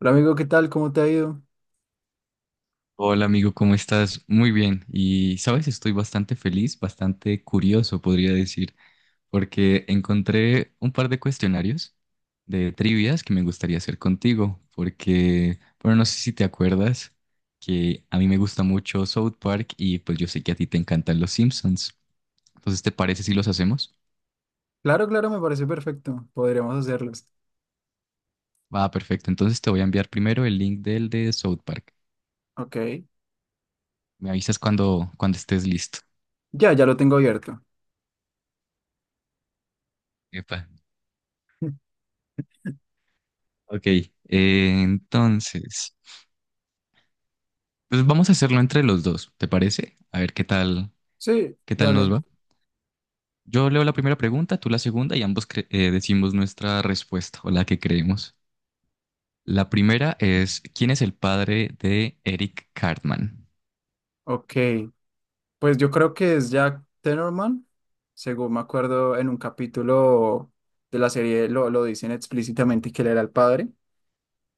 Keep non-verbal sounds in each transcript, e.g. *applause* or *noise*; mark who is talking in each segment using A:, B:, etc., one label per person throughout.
A: Hola amigo, ¿qué tal? ¿Cómo te ha ido?
B: Hola amigo, ¿cómo estás? Muy bien. Y sabes, estoy bastante feliz, bastante curioso, podría decir, porque encontré un par de cuestionarios de trivias que me gustaría hacer contigo, porque, bueno, no sé si te acuerdas que a mí me gusta mucho South Park y pues yo sé que a ti te encantan los Simpsons. Entonces, ¿te parece si los hacemos?
A: Claro, claro, me parece perfecto. Podríamos hacerlos.
B: Va, perfecto. Entonces te voy a enviar primero el link del de South Park.
A: Ok.
B: Me avisas cuando estés listo.
A: Ya, ya lo tengo abierto.
B: Epa. Ok, entonces. Pues vamos a hacerlo entre los dos, ¿te parece? A ver qué tal,
A: Sí,
B: qué tal
A: dale.
B: nos va. Yo leo la primera pregunta, tú la segunda y ambos decimos nuestra respuesta o la que creemos. La primera es, ¿quién es el padre de Eric Cartman?
A: Ok. Pues yo creo que es Jack Tenorman. Según me acuerdo, en un capítulo de la serie lo dicen explícitamente que él era el padre.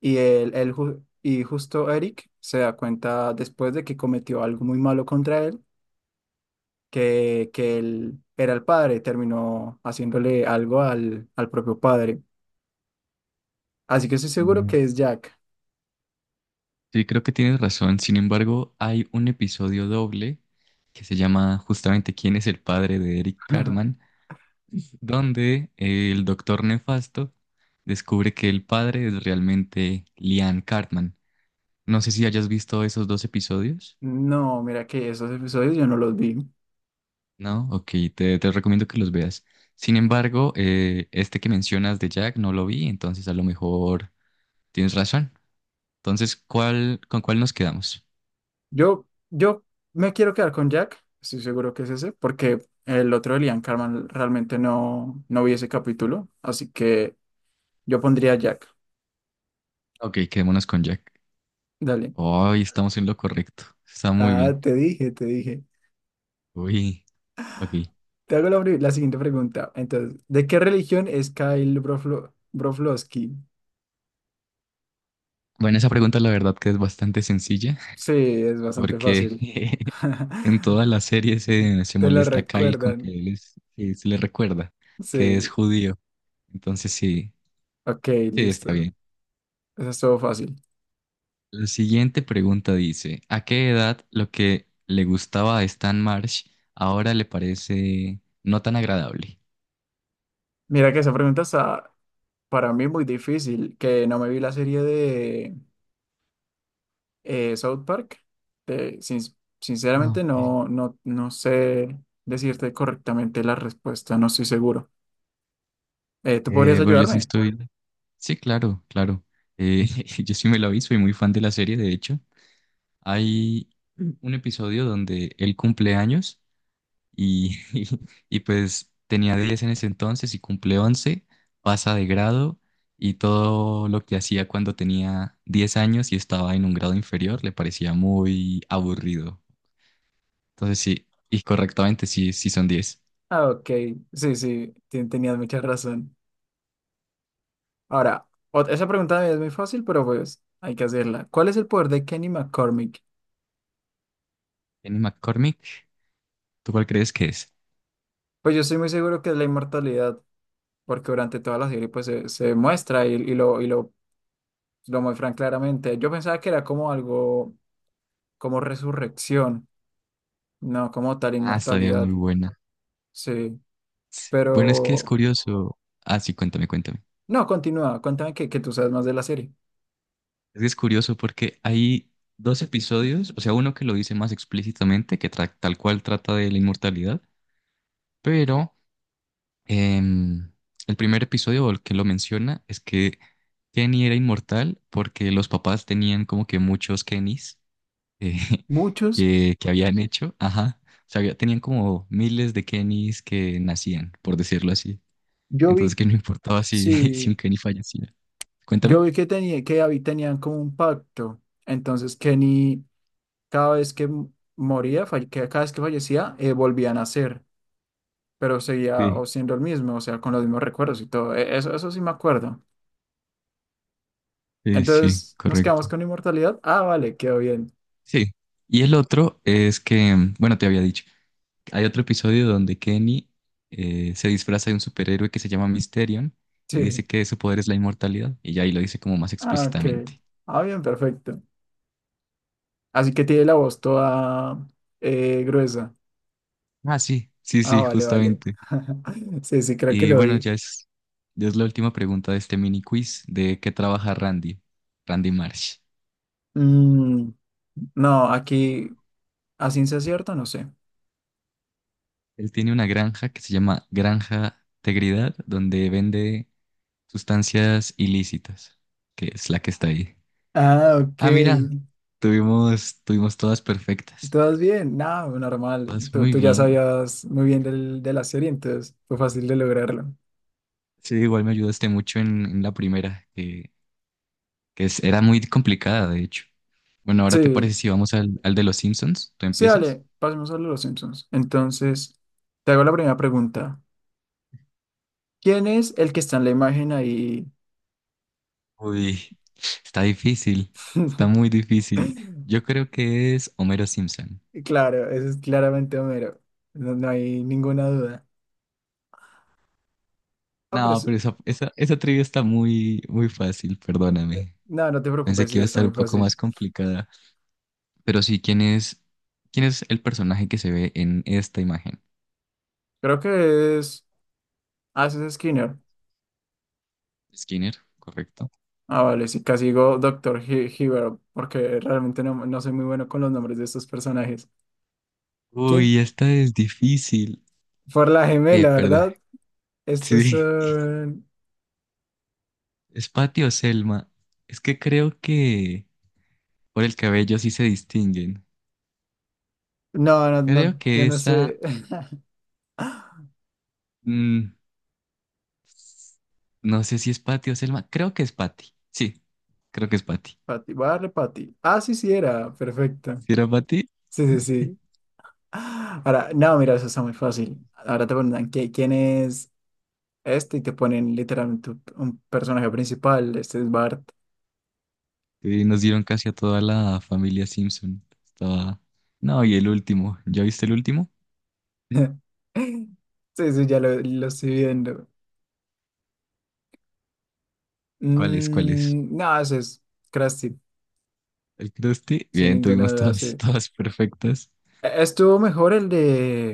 A: Y justo Eric se da cuenta después de que cometió algo muy malo contra él, que él era el padre. Terminó haciéndole algo al propio padre. Así que estoy seguro
B: Mm.
A: que es Jack.
B: Sí, creo que tienes razón. Sin embargo, hay un episodio doble que se llama justamente ¿quién es el padre de Eric
A: *laughs*
B: Cartman? Donde el doctor Nefasto descubre que el padre es realmente Lian Cartman. No sé si hayas visto esos dos episodios.
A: No, mira que esos episodios yo no los vi.
B: No, ok, te recomiendo que los veas. Sin embargo, este que mencionas de Jack no lo vi, entonces a lo mejor tienes razón. Entonces, ¿cuál, con cuál nos quedamos?
A: Yo, yo me quiero quedar con Jack, estoy seguro que es ese, porque el otro de Liam Carman realmente no vi ese capítulo, así que yo pondría Jack.
B: Ok, quedémonos con Jack.
A: Dale.
B: Hoy estamos en lo correcto. Está muy
A: Ah,
B: bien.
A: te dije, te dije.
B: Uy, ok.
A: Te hago la siguiente pregunta. Entonces, ¿de qué religión es Kyle Broflovski?
B: Bueno, esa pregunta la verdad que es bastante sencilla,
A: Sí, es bastante
B: porque
A: fácil.
B: *laughs* en toda
A: *laughs*
B: la serie se
A: Te lo
B: molesta a Kyle con que
A: recuerdan.
B: que se le recuerda que es
A: Sí.
B: judío. Entonces, sí,
A: Ok,
B: sí, está
A: listo.
B: bien.
A: Eso estuvo fácil.
B: La siguiente pregunta dice, ¿a qué edad lo que le gustaba a Stan Marsh ahora le parece no tan agradable?
A: Mira que esa pregunta está para mí muy difícil, que no me vi la serie de South Park. Te- sin-
B: Ah,
A: Sinceramente
B: ok.
A: no sé decirte correctamente la respuesta, no estoy seguro. ¿Tú podrías
B: Bueno, yo sí
A: ayudarme?
B: estoy. Sí, claro, claro. Eh, *laughs* yo sí me la vi, soy muy fan de la serie, de hecho. Hay un episodio donde él cumple años. Y, *laughs* y pues tenía 10 en ese entonces y cumple 11, pasa de grado, y todo lo que hacía cuando tenía 10 años y estaba en un grado inferior le parecía muy aburrido. Entonces sí, y correctamente sí, sí son 10.
A: Ah, ok, sí, sí, tenías mucha razón. Ahora, esa pregunta es muy fácil, pero pues hay que hacerla. ¿Cuál es el poder de Kenny McCormick?
B: Jenny McCormick, ¿tú cuál crees que es?
A: Pues yo estoy muy seguro que es la inmortalidad, porque durante toda la serie pues se muestra y lo lo muestran claramente. Yo pensaba que era como algo, como resurrección, no como tal
B: Ah, estaría muy
A: inmortalidad.
B: buena.
A: Sí,
B: Bueno, es que es
A: pero
B: curioso. Ah, sí, cuéntame, cuéntame.
A: no, continúa, cuéntame que tú sabes más de la serie.
B: Es que es curioso porque hay dos episodios, o sea, uno que lo dice más explícitamente, que tal cual trata de la inmortalidad, pero Em, el primer episodio, el que lo menciona, es que Kenny era inmortal porque los papás tenían como que muchos Kennys, eh, *laughs*
A: Muchos,
B: que habían hecho. Ajá. O sea, tenían como miles de Kennys que nacían, por decirlo así.
A: yo
B: Entonces,
A: vi,
B: que no importaba si, *laughs* si
A: sí,
B: un Kenny fallecía. Cuéntame.
A: yo vi que tenía, tenían como un pacto. Entonces Kenny, cada vez que m- moría, falle- que cada vez que fallecía, volvía a nacer, pero seguía o
B: Sí,
A: siendo el mismo, o sea, con los mismos recuerdos y todo. Eso, eso sí me acuerdo.
B: sí, sí,
A: Entonces, ¿nos
B: correcto.
A: quedamos con inmortalidad? Ah, vale, quedó bien.
B: Sí. Y el otro es que, bueno, te había dicho. Hay otro episodio donde Kenny se disfraza de un superhéroe que se llama Mysterion y dice
A: Sí.
B: que su poder es la inmortalidad. Y ya ahí lo dice como más
A: Ah, ok.
B: explícitamente.
A: Ah, bien, perfecto. Así que tiene la voz toda gruesa.
B: Ah, sí, sí,
A: Ah,
B: sí,
A: vale, vale.
B: justamente.
A: *laughs* Sí, sí, creo que
B: Y
A: lo
B: bueno,
A: vi.
B: ya es la última pregunta de este mini quiz de qué trabaja Randy Marsh.
A: Mm, no, aquí a ciencia cierta no sé.
B: Él tiene una granja que se llama Granja Tegridad, donde vende sustancias ilícitas, que es la que está ahí.
A: Ah, ok.
B: Ah, mira, tuvimos todas perfectas.
A: ¿Todas bien? No, normal.
B: Todas
A: Tú,
B: muy
A: tú ya
B: bien.
A: sabías muy bien de la serie, entonces fue fácil de lograrlo.
B: Sí, igual me ayudaste mucho en la primera, que era muy complicada, de hecho. Bueno, ahora te parece
A: Sí,
B: si vamos al de los Simpsons, ¿tú
A: sí,
B: empiezas?
A: dale, pasemos a los Simpsons. Entonces, te hago la primera pregunta. ¿Quién es el que está en la imagen ahí?
B: Uy, está difícil, está muy difícil.
A: *laughs*
B: Yo creo que es Homero Simpson.
A: Y claro, ese es claramente Homero. No, no hay ninguna duda. Ah, pero
B: No,
A: es-
B: pero esa trivia está muy, muy fácil, perdóname.
A: no, no te
B: Pensé
A: preocupes,
B: que
A: sí,
B: iba a
A: está
B: estar
A: muy
B: un poco
A: fácil.
B: más complicada. Pero sí, ¿quién es el personaje que se ve en esta imagen?
A: Creo que es. Ah, ese es Skinner.
B: Skinner, correcto.
A: Ah, vale, sí, casi digo Doctor He Hibbert, porque realmente no soy muy bueno con los nombres de estos personajes. ¿Quién?
B: Uy, esta es difícil.
A: Por la gemela,
B: Perdón.
A: ¿verdad? Estos
B: Sí.
A: son.
B: ¿Es Patty o Selma? Es que creo que por el cabello sí se distinguen.
A: No, no,
B: Creo
A: no, yo
B: que
A: no
B: esa.
A: sé. *laughs*
B: mm, no sé si es Patty o Selma. Creo que es Patty. Sí, creo que es Patty.
A: Patty, voy a darle Patty. Ah, sí, sí, era. Perfecto.
B: ¿Sí era Patty?
A: Sí, sí, sí. Ahora, no, mira, eso está muy fácil. Ahora te preguntan, ¿quién es? Este y te ponen literalmente un personaje principal, este es Bart.
B: Sí, nos dieron casi a toda la familia Simpson. Estaba. No, y el último. ¿Ya viste el último?
A: *laughs* Sí, sí, lo estoy viendo.
B: ¿Cuál es? ¿Cuál es?
A: Mm, no, ese es Krusty,
B: ¿El Krusty?
A: sin
B: Bien,
A: ninguna
B: tuvimos
A: duda,
B: todas,
A: sí.
B: *laughs* todas perfectas.
A: Estuvo mejor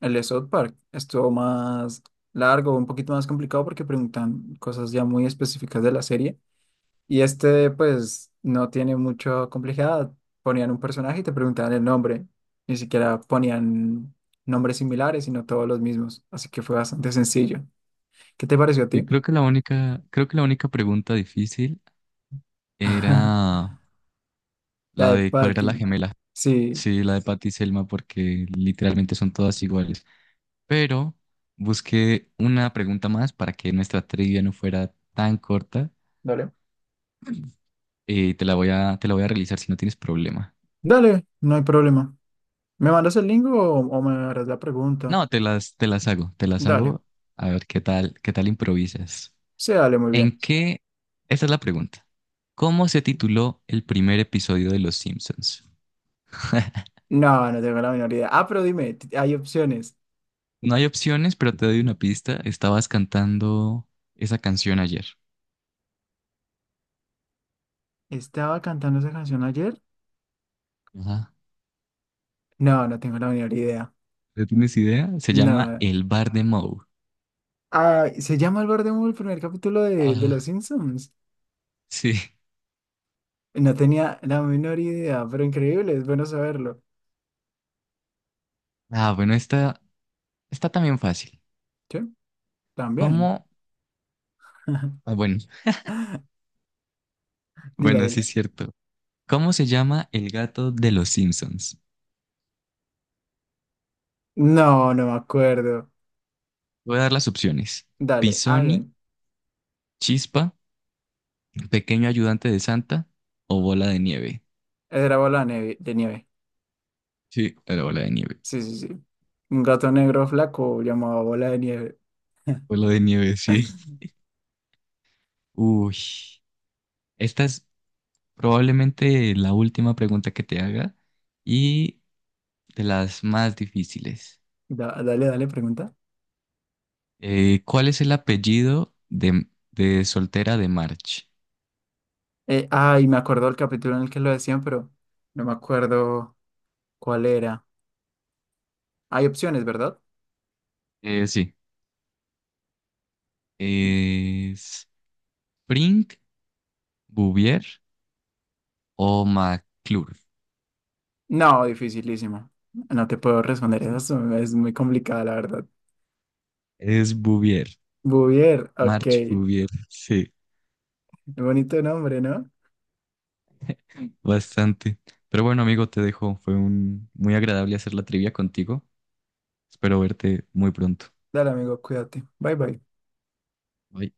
A: el de South Park, estuvo más largo, un poquito más complicado porque preguntan cosas ya muy específicas de la serie. Y este, pues, no tiene mucha complejidad. Ponían un personaje y te preguntaban el nombre. Ni siquiera ponían nombres similares, sino todos los mismos. Así que fue bastante sencillo. ¿Qué te pareció a
B: Y
A: ti?
B: creo que la única, creo que la única pregunta difícil era
A: *laughs* La
B: la
A: de
B: de cuál era la
A: Patty.
B: gemela.
A: Sí.
B: Sí, la de Patty y Selma, porque literalmente son todas iguales. Pero busqué una pregunta más para que nuestra trivia no fuera tan corta
A: Dale.
B: y te la voy a realizar si no tienes problema.
A: Dale, no hay problema. ¿Me mandas el link o, me harás la pregunta?
B: No, te las hago, te las
A: Dale.
B: hago. A ver qué tal improvisas.
A: Sí, dale, muy bien.
B: ¿En qué? Esta es la pregunta. ¿Cómo se tituló el primer episodio de Los Simpsons? *laughs*
A: No, no tengo la menor idea. Ah, pero dime, hay opciones.
B: No hay opciones, pero te doy una pista. Estabas cantando esa canción ayer.
A: ¿Estaba cantando esa canción ayer?
B: Ajá.
A: No, no tengo la menor idea.
B: ¿No tienes idea? Se llama
A: No.
B: El Bar de Moe.
A: Ah, se llama El Albert Moon el primer capítulo de Los
B: Ah,
A: Simpsons.
B: sí.
A: No tenía la menor idea, pero increíble, es bueno saberlo.
B: Ah, bueno, esta está también fácil.
A: Sí, también.
B: ¿Cómo?
A: *laughs*
B: Ah, bueno,
A: Dila,
B: bueno, sí
A: dila.
B: es cierto. ¿Cómo se llama el gato de los Simpsons?
A: No, no me acuerdo.
B: Voy a dar las opciones.
A: Dale, ah,
B: Pisoni,
A: bien.
B: Chispa, Pequeño Ayudante de Santa o Bola de Nieve.
A: Esa era bola de nieve, de nieve.
B: Sí, era Bola de Nieve.
A: Sí, sí, sí. Un gato negro flaco llamado bola de nieve. *laughs*
B: Bola de Nieve, sí. Uy, esta es probablemente la última pregunta que te haga y de las más difíciles.
A: Dale, dale, pregunta.
B: ¿Cuál es el apellido de, soltera de March?
A: Ay, me acuerdo del capítulo en el que lo decían, pero no me acuerdo cuál era. Hay opciones, ¿verdad?
B: Sí, es Brink, Bouvier o McClure.
A: No, dificilísimo. No te puedo
B: Dije,
A: responder
B: sí.
A: eso, es muy complicada, la verdad.
B: Es Bouvier,
A: Bouvier, ok.
B: March Bouvier, *laughs* sí,
A: Bonito nombre, ¿no?
B: bastante. Pero bueno, amigo, te dejo. Fue un, muy agradable hacer la trivia contigo. Espero verte muy pronto.
A: Dale, amigo, cuídate. Bye, bye.
B: Bye.